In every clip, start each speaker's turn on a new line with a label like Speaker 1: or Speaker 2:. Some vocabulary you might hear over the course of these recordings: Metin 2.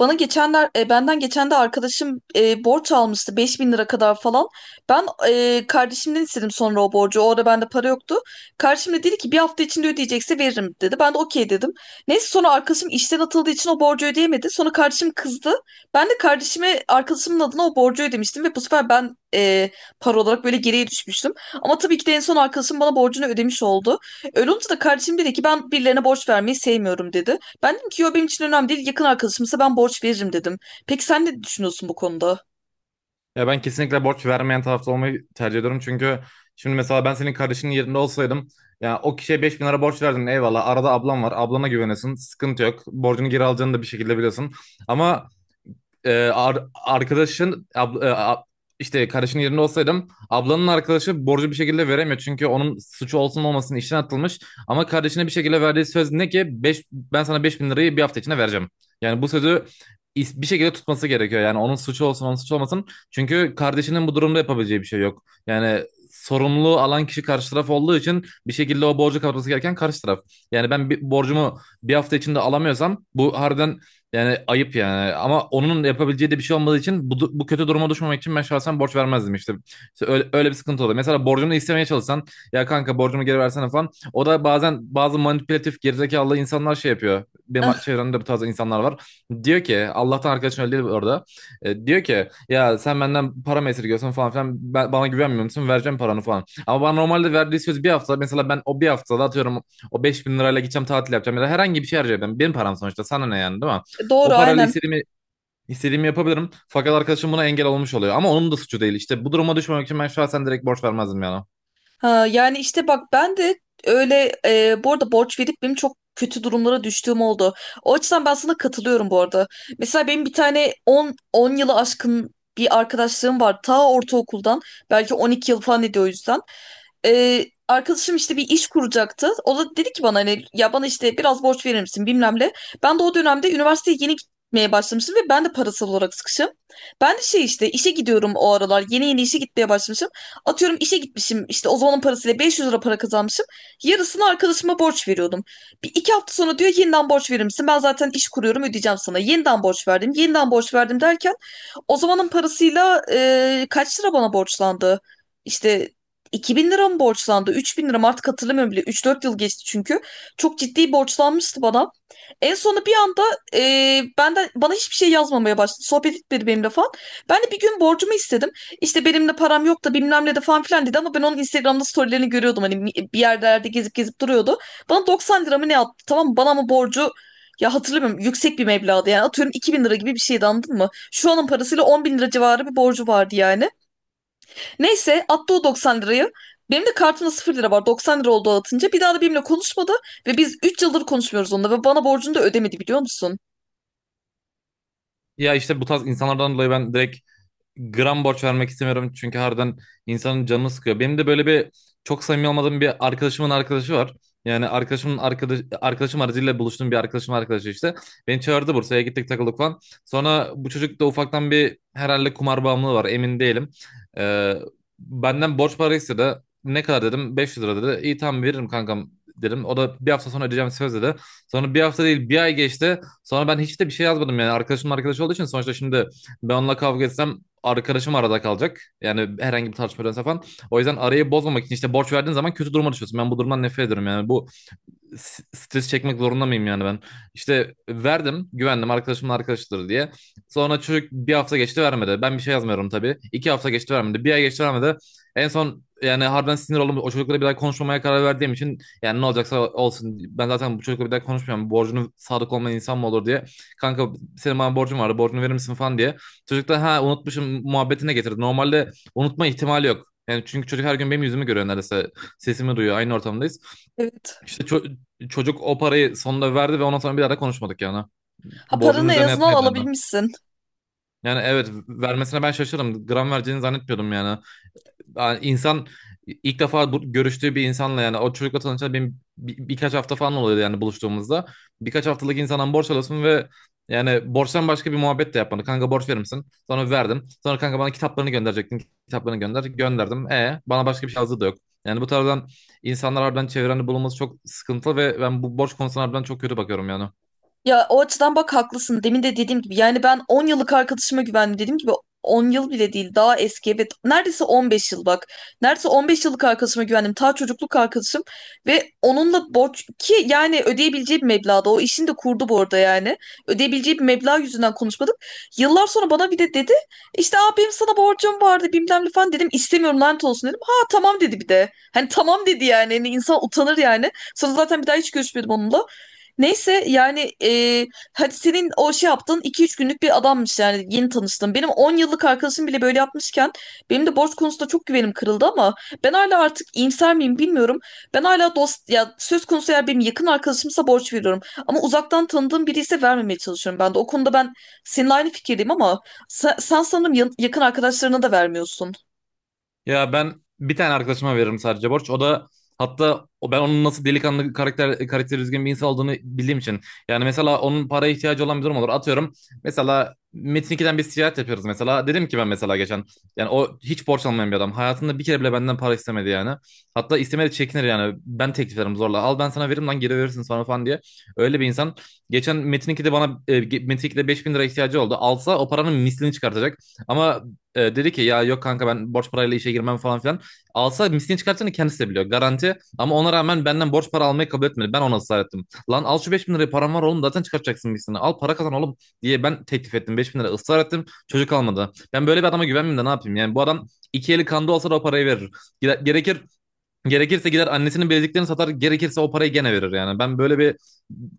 Speaker 1: Bana geçenler, benden geçen de arkadaşım, borç almıştı 5.000 lira kadar falan. Ben kardeşimden istedim sonra o borcu. O ara bende para yoktu. Kardeşim de dedi ki, bir hafta içinde ödeyecekse veririm dedi. Ben de okey dedim. Neyse, sonra arkadaşım işten atıldığı için o borcu ödeyemedi. Sonra kardeşim kızdı. Ben de kardeşime arkadaşımın adına o borcu ödemiştim ve bu sefer ben, para olarak böyle geriye düşmüştüm. Ama tabii ki de en son arkadaşım bana borcunu ödemiş oldu. Öyle olunca da kardeşim dedi ki, ben birilerine borç vermeyi sevmiyorum dedi. Ben dedim ki, yo, benim için önemli değil, yakın arkadaşımsa ben borç veririm dedim. Peki sen ne düşünüyorsun bu konuda?
Speaker 2: Ya ben kesinlikle borç vermeyen tarafta olmayı tercih ediyorum. Çünkü şimdi mesela ben senin kardeşinin yerinde olsaydım ya o kişiye 5 bin lira borç verdin eyvallah. Arada ablam var. Ablana güvenesin. Sıkıntı yok. Borcunu geri alacağını da bir şekilde biliyorsun. Ama e, ar- arkadaşın abla- e, a- işte kardeşinin yerinde olsaydım ablanın arkadaşı borcu bir şekilde veremiyor. Çünkü onun suçu olsun olmasın işten atılmış. Ama kardeşine bir şekilde verdiği söz ne ki? Ben sana 5 bin lirayı bir hafta içinde vereceğim. Yani bu sözü bir şekilde tutması gerekiyor. Yani onun suçu olsun onun suçu olmasın. Çünkü kardeşinin bu durumda yapabileceği bir şey yok. Yani sorumluluğu alan kişi karşı taraf olduğu için bir şekilde o borcu kapatması gereken karşı taraf. Yani ben bir borcumu bir hafta içinde alamıyorsam bu harbiden yani ayıp yani. Ama onun yapabileceği de bir şey olmadığı için bu kötü duruma düşmemek için ben şahsen borç vermezdim işte. İşte öyle bir sıkıntı oluyor. Mesela borcunu istemeye çalışsan ya kanka borcumu geri versene falan. O da bazen bazı manipülatif gerizekalı insanlar şey yapıyor.
Speaker 1: Eh,
Speaker 2: Benim çevremde bu tarz insanlar var. Diyor ki Allah'tan arkadaşın öyle değil orada. Diyor ki ya sen benden para mı esirgiyorsun falan filan. Bana güvenmiyor musun? Vereceğim paranı falan. Ama bana normalde verdiği söz bir hafta. Mesela ben o bir haftada atıyorum o 5 bin lirayla gideceğim tatil yapacağım ya da herhangi bir şey harcayacağım. Benim param sonuçta sana ne yani, değil mi?
Speaker 1: doğru,
Speaker 2: O parayla
Speaker 1: aynen.
Speaker 2: istediğimi yapabilirim. Fakat arkadaşım buna engel olmuş oluyor. Ama onun da suçu değil. İşte bu duruma düşmemek için ben şahsen direkt borç vermezdim yani.
Speaker 1: Ha, yani işte bak, ben de öyle, bu arada borç verip benim çok kötü durumlara düştüğüm oldu. O açıdan ben sana katılıyorum bu arada. Mesela benim bir tane 10 yılı aşkın bir arkadaşlığım var. Ta ortaokuldan, belki 12 yıl falan ediyor o yüzden. Arkadaşım işte bir iş kuracaktı. O da dedi ki bana, hani ya bana işte biraz borç verir misin, bilmem ne. Ben de o dönemde üniversiteye yeni gitmeye başlamıştım ve ben de parasal olarak sıkışım. Ben de şey, işte işe gidiyorum o aralar. Yeni yeni işe gitmeye başlamışım. Atıyorum, işe gitmişim işte o zamanın parasıyla 500 lira para kazanmışım. Yarısını arkadaşıma borç veriyordum. Bir iki hafta sonra diyor, yeniden borç verir misin? Ben zaten iş kuruyorum, ödeyeceğim sana. Yeniden borç verdim, yeniden borç verdim derken o zamanın parasıyla, kaç lira bana borçlandı? İşte 2000 lira mı borçlandı, 3000 lira mı, artık hatırlamıyorum bile. 3-4 yıl geçti çünkü. Çok ciddi borçlanmıştı bana. En sonu bir anda, e, benden bana hiçbir şey yazmamaya başladı. Sohbet etmedi benimle falan. Ben de bir gün borcumu istedim. İşte, benimle param yok da bilmem ne de falan filan dedi, ama ben onun Instagram'da storylerini görüyordum. Hani bir yerlerde gezip gezip duruyordu. Bana 90 lira mı ne attı, tamam mı? Bana ama borcu, ya hatırlamıyorum, yüksek bir meblağdı yani, atıyorum 2.000 lira gibi bir şeydi, anladın mı? Şu anın parasıyla 10 bin lira civarı bir borcu vardı yani. Neyse, attı o 90 lirayı. Benim de kartımda 0 lira var. 90 lira oldu atınca. Bir daha da benimle konuşmadı ve biz 3 yıldır konuşmuyoruz onunla ve bana borcunu da ödemedi, biliyor musun?
Speaker 2: Ya işte bu tarz insanlardan dolayı ben direkt gram borç vermek istemiyorum çünkü harbiden insanın canını sıkıyor. Benim de böyle bir çok samimi olmadığım bir arkadaşımın arkadaşı var. Yani arkadaşımın arkadaşım aracıyla buluştuğum bir arkadaşım arkadaşı işte. Beni çağırdı, Bursa'ya gittik, takıldık falan. Sonra bu çocuk da ufaktan bir herhalde kumar bağımlılığı var, emin değilim. Ee, Benden borç para istedi. Ne kadar dedim, 500 lira dedi. İyi tamam veririm kankam dedim. O da bir hafta sonra ödeyeceğim söz dedi. Sonra bir hafta değil bir ay geçti. Sonra ben hiç de bir şey yazmadım yani arkadaşımın arkadaşı olduğu için sonuçta, şimdi ben onunla kavga etsem arkadaşım arada kalacak. Yani herhangi bir tartışma falan. O yüzden arayı bozmamak için işte borç verdiğin zaman kötü duruma düşüyorsun. Ben bu durumdan nefret ediyorum yani. Bu stres çekmek zorunda mıyım yani ben? İşte verdim, güvendim arkadaşımın arkadaşıdır diye. Sonra çocuk, bir hafta geçti vermedi. Ben bir şey yazmıyorum tabii. 2 hafta geçti vermedi. Bir ay geçti vermedi. En son yani harbiden sinir oldum. O çocukla bir daha konuşmamaya karar verdiğim için yani ne olacaksa olsun. Ben zaten bu çocukla bir daha konuşmuyorum. Borcunu sadık olmayan insan mı olur diye. Kanka senin bana borcun vardı. Borcunu verir misin falan diye. Çocuk da ha unutmuşum muhabbetine getirdi. Normalde unutma ihtimali yok. Yani çünkü çocuk her gün benim yüzümü görüyor neredeyse. Sesimi duyuyor. Aynı ortamdayız.
Speaker 1: Evet.
Speaker 2: İşte çocuk o parayı sonunda verdi ve ondan sonra bir daha da konuşmadık yani.
Speaker 1: Ha,
Speaker 2: Borcumun
Speaker 1: paranı en
Speaker 2: üzerine
Speaker 1: azından
Speaker 2: yatmaya dendi.
Speaker 1: alabilmişsin.
Speaker 2: Yani evet, vermesine ben şaşırdım. Gram vereceğini zannetmiyordum yani. Yani insan ilk defa bu, görüştüğü bir insanla, yani o çocukla tanışan benim birkaç hafta falan oluyordu yani buluştuğumuzda. Birkaç haftalık insandan borç alıyorsun ve yani borçtan başka bir muhabbet de yapmadı. Kanka borç verir misin? Sonra verdim. Sonra kanka bana kitaplarını gönderecektin. Kitaplarını gönder. Gönderdim. E bana başka bir şey yazdığı da yok. Yani bu tarzdan insanlar harbiden çevrende bulunması çok sıkıntılı ve ben bu borç konusuna harbiden çok kötü bakıyorum yani.
Speaker 1: Ya, o açıdan bak haklısın. Demin de dediğim gibi, yani ben 10 yıllık arkadaşıma güvendim. Dediğim gibi 10 yıl bile değil, daha eski, evet, neredeyse 15 yıl bak. Neredeyse 15 yıllık arkadaşıma güvendim. Ta çocukluk arkadaşım ve onunla borç ki, yani ödeyebileceği bir meblağda, o işini de kurdu bu arada yani. Ödeyebileceği bir meblağ yüzünden konuşmadık. Yıllar sonra bana bir de dedi işte, abi benim sana borcum vardı bilmem ne falan, dedim istemiyorum, lanet olsun dedim. Ha, tamam dedi bir de. Hani tamam dedi yani. Hani insan utanır yani. Sonra zaten bir daha hiç görüşmedim onunla. Neyse yani, hadi senin o şey yaptığın 2-3 günlük bir adammış yani, yeni tanıştım Benim 10 yıllık arkadaşım bile böyle yapmışken benim de borç konusunda çok güvenim kırıldı, ama ben hala artık iyimser miyim bilmiyorum. Ben hala dost ya söz konusu, eğer benim yakın arkadaşımsa borç veriyorum. Ama uzaktan tanıdığım biri ise vermemeye çalışıyorum ben de. O konuda ben seninle aynı fikirdeyim, ama sen sanırım yakın arkadaşlarına da vermiyorsun.
Speaker 2: Ya ben bir tane arkadaşıma veririm sadece borç. O da hatta o ben onun nasıl delikanlı karakteri düzgün bir insan olduğunu bildiğim için. Yani mesela onun paraya ihtiyacı olan bir durum olur. Atıyorum mesela Metin 2'den biz ticaret yapıyoruz mesela. Dedim ki ben mesela geçen, yani o hiç borç almayan bir adam. Hayatında bir kere bile benden para istemedi yani. Hatta istemedi, çekinir yani. Ben teklif ederim zorla. Al ben sana veririm lan, geri verirsin sonra falan diye. Öyle bir insan. Geçen Metin 2'de bana Metin 2'de 5000 lira ihtiyacı oldu. Alsa o paranın mislini çıkartacak. Ama dedi ki ya yok kanka, ben borç parayla işe girmem falan filan. Alsa miskin çıkartacağını kendisi de biliyor. Garanti. Ama ona rağmen benden borç para almayı kabul etmedi. Ben ona ısrar ettim. Lan al şu 5 bin lirayı, param var oğlum, zaten çıkartacaksın miskini. Al para kazan oğlum diye ben teklif ettim. 5 bin lira ısrar ettim. Çocuk almadı. Ben böyle bir adama güvenmeyeyim de ne yapayım? Yani bu adam iki eli kanda olsa da o parayı verir. Gere- Gerekir Gerekirse gider annesinin bileziklerini satar, gerekirse o parayı gene verir yani. Ben böyle bir,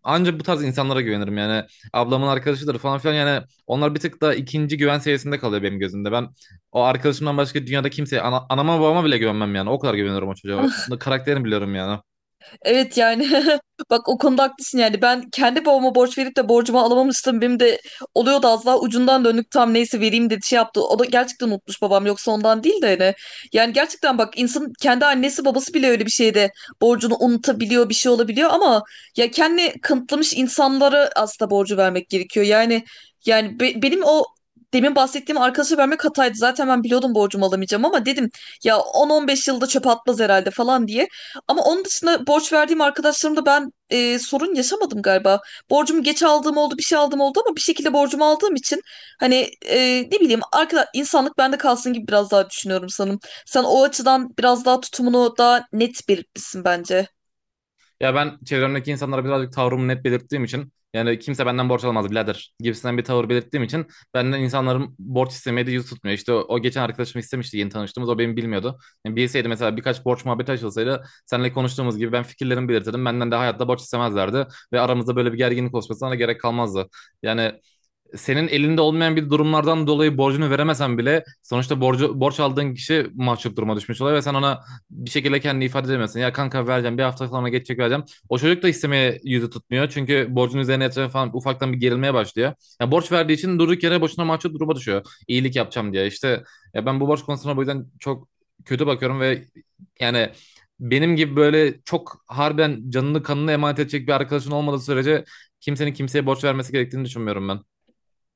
Speaker 2: ancak bu tarz insanlara güvenirim yani. Ablamın arkadaşıdır falan filan yani onlar bir tık da ikinci güven seviyesinde kalıyor benim gözümde. Ben o arkadaşımdan başka dünyada kimseye anama babama bile güvenmem yani. O kadar güveniyorum o çocuğa. O karakterini biliyorum yani.
Speaker 1: Evet yani, bak, o konuda haklısın yani. Ben kendi babama borç verip de borcumu alamamıştım, benim de oluyordu az daha, ucundan dönük tam, neyse, vereyim dedi, şey yaptı, o da gerçekten unutmuş babam, yoksa ondan değil de, hani yani gerçekten bak, insanın kendi annesi babası bile öyle bir şeyde borcunu unutabiliyor, bir şey olabiliyor, ama ya kendi kanıtlamış insanlara aslında borcu vermek gerekiyor yani. Yani benim o demin bahsettiğim arkadaşa vermek hataydı. Zaten ben biliyordum borcumu alamayacağım, ama dedim, ya 10-15 yılda çöpe atmaz herhalde falan diye. Ama onun dışında borç verdiğim arkadaşlarımda ben, sorun yaşamadım galiba. Borcumu geç aldığım oldu, bir şey aldığım oldu, ama bir şekilde borcumu aldığım için hani, ne bileyim, arkadaş, insanlık bende kalsın gibi biraz daha düşünüyorum sanırım. Sen o açıdan biraz daha tutumunu daha net belirtmişsin bence.
Speaker 2: Ya ben çevremdeki insanlara birazcık tavrımı net belirttiğim için, yani kimse benden borç alamaz birader gibisinden bir tavır belirttiğim için benden insanların borç istemeye de yüz tutmuyor. İşte o geçen arkadaşım istemişti yeni tanıştığımız, o benim bilmiyordu. Yani bilseydi mesela birkaç borç muhabbeti açılsaydı seninle konuştuğumuz gibi ben fikirlerimi belirtirdim. Benden de hayatta borç istemezlerdi ve aramızda böyle bir gerginlik oluşmasına da gerek kalmazdı. Yani senin elinde olmayan bir durumlardan dolayı borcunu veremesen bile sonuçta borç aldığın kişi mahcup duruma düşmüş oluyor ve sen ona bir şekilde kendini ifade edemezsin. Ya kanka vereceğim, bir hafta sonra geçecek, vereceğim. O çocuk da istemeye yüzü tutmuyor çünkü borcun üzerine yatırıyor falan, ufaktan bir gerilmeye başlıyor. Ya borç verdiği için durduk yere boşuna mahcup duruma düşüyor. İyilik yapacağım diye işte, ya ben bu borç konusuna bu yüzden çok kötü bakıyorum ve yani benim gibi böyle çok harbiden canını kanını emanet edecek bir arkadaşın olmadığı sürece kimsenin kimseye borç vermesi gerektiğini düşünmüyorum ben.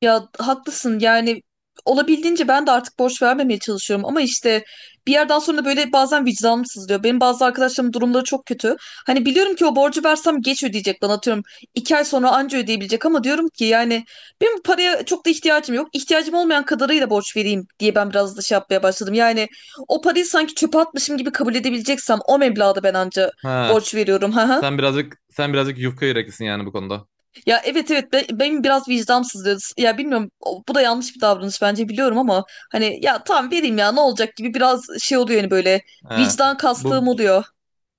Speaker 1: Ya haklısın yani, olabildiğince ben de artık borç vermemeye çalışıyorum, ama işte bir yerden sonra böyle bazen vicdanım sızlıyor. Benim bazı arkadaşlarımın durumları çok kötü. Hani biliyorum ki o borcu versem geç ödeyecek bana, atıyorum 2 ay sonra anca ödeyebilecek, ama diyorum ki yani benim bu paraya çok da ihtiyacım yok. İhtiyacım olmayan kadarıyla borç vereyim diye ben biraz da şey yapmaya başladım. Yani o parayı sanki çöpe atmışım gibi kabul edebileceksem o meblağda ben anca
Speaker 2: Ha,
Speaker 1: borç veriyorum.
Speaker 2: sen birazcık sen birazcık yufka yüreklisin yani bu konuda.
Speaker 1: Ya, evet evet, benim biraz vicdansızlığı, ya bilmiyorum, bu da yanlış bir davranış bence, biliyorum, ama hani ya, tamam vereyim, ya ne olacak gibi biraz şey oluyor yani, böyle
Speaker 2: Ha,
Speaker 1: vicdan kastığım
Speaker 2: bu
Speaker 1: oluyor.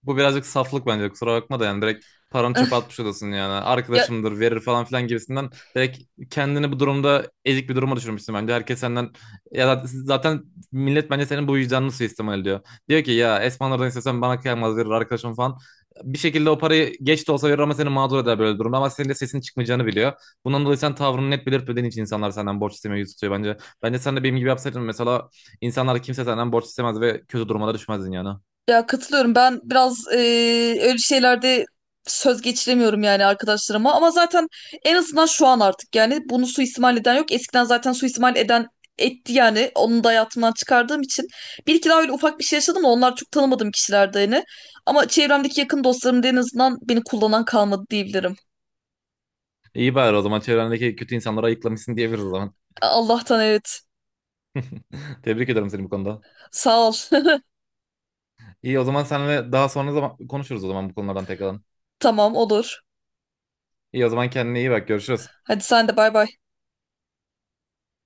Speaker 2: Bu birazcık saflık bence, kusura bakma da, yani direkt paranı çöpe atmış odasın yani.
Speaker 1: Ya
Speaker 2: Arkadaşımdır verir falan filan gibisinden direkt kendini bu durumda ezik bir duruma düşürmüşsün bence. Herkes senden ya da zaten millet bence senin bu vicdanını suistimal ediyor. Diyor ki ya Esmanlardan istesem bana kıyamaz verir arkadaşım falan. Bir şekilde o parayı geç de olsa verir ama seni mağdur eder böyle durumda, ama senin de sesin çıkmayacağını biliyor. Bundan dolayı sen tavrını net belirtmediğin için insanlar senden borç istemeye yüz tutuyor bence. Bence sen de benim gibi yapsaydın mesela insanlar, kimse senden borç istemez ve kötü durumlara düşmezdin yani.
Speaker 1: Ya katılıyorum. Ben biraz öyle şeylerde söz geçiremiyorum yani arkadaşlarıma. Ama zaten en azından şu an artık yani bunu suistimal eden yok. Eskiden zaten suistimal eden etti yani. Onu da hayatımdan çıkardığım için. Bir iki daha öyle ufak bir şey yaşadım da onlar çok tanımadığım kişilerdi yani. Ama çevremdeki yakın dostlarım da en azından beni kullanan kalmadı diyebilirim.
Speaker 2: İyi bari, o zaman çevrendeki kötü insanları ayıklamışsın diyebiliriz o zaman.
Speaker 1: Allah'tan evet.
Speaker 2: Tebrik ederim seni bu konuda.
Speaker 1: Sağ ol.
Speaker 2: İyi o zaman, seninle daha sonra zaman konuşuruz o zaman, bu konulardan tekrardan.
Speaker 1: Tamam, olur.
Speaker 2: İyi o zaman, kendine iyi bak, görüşürüz.
Speaker 1: Hadi sen de, bay bay.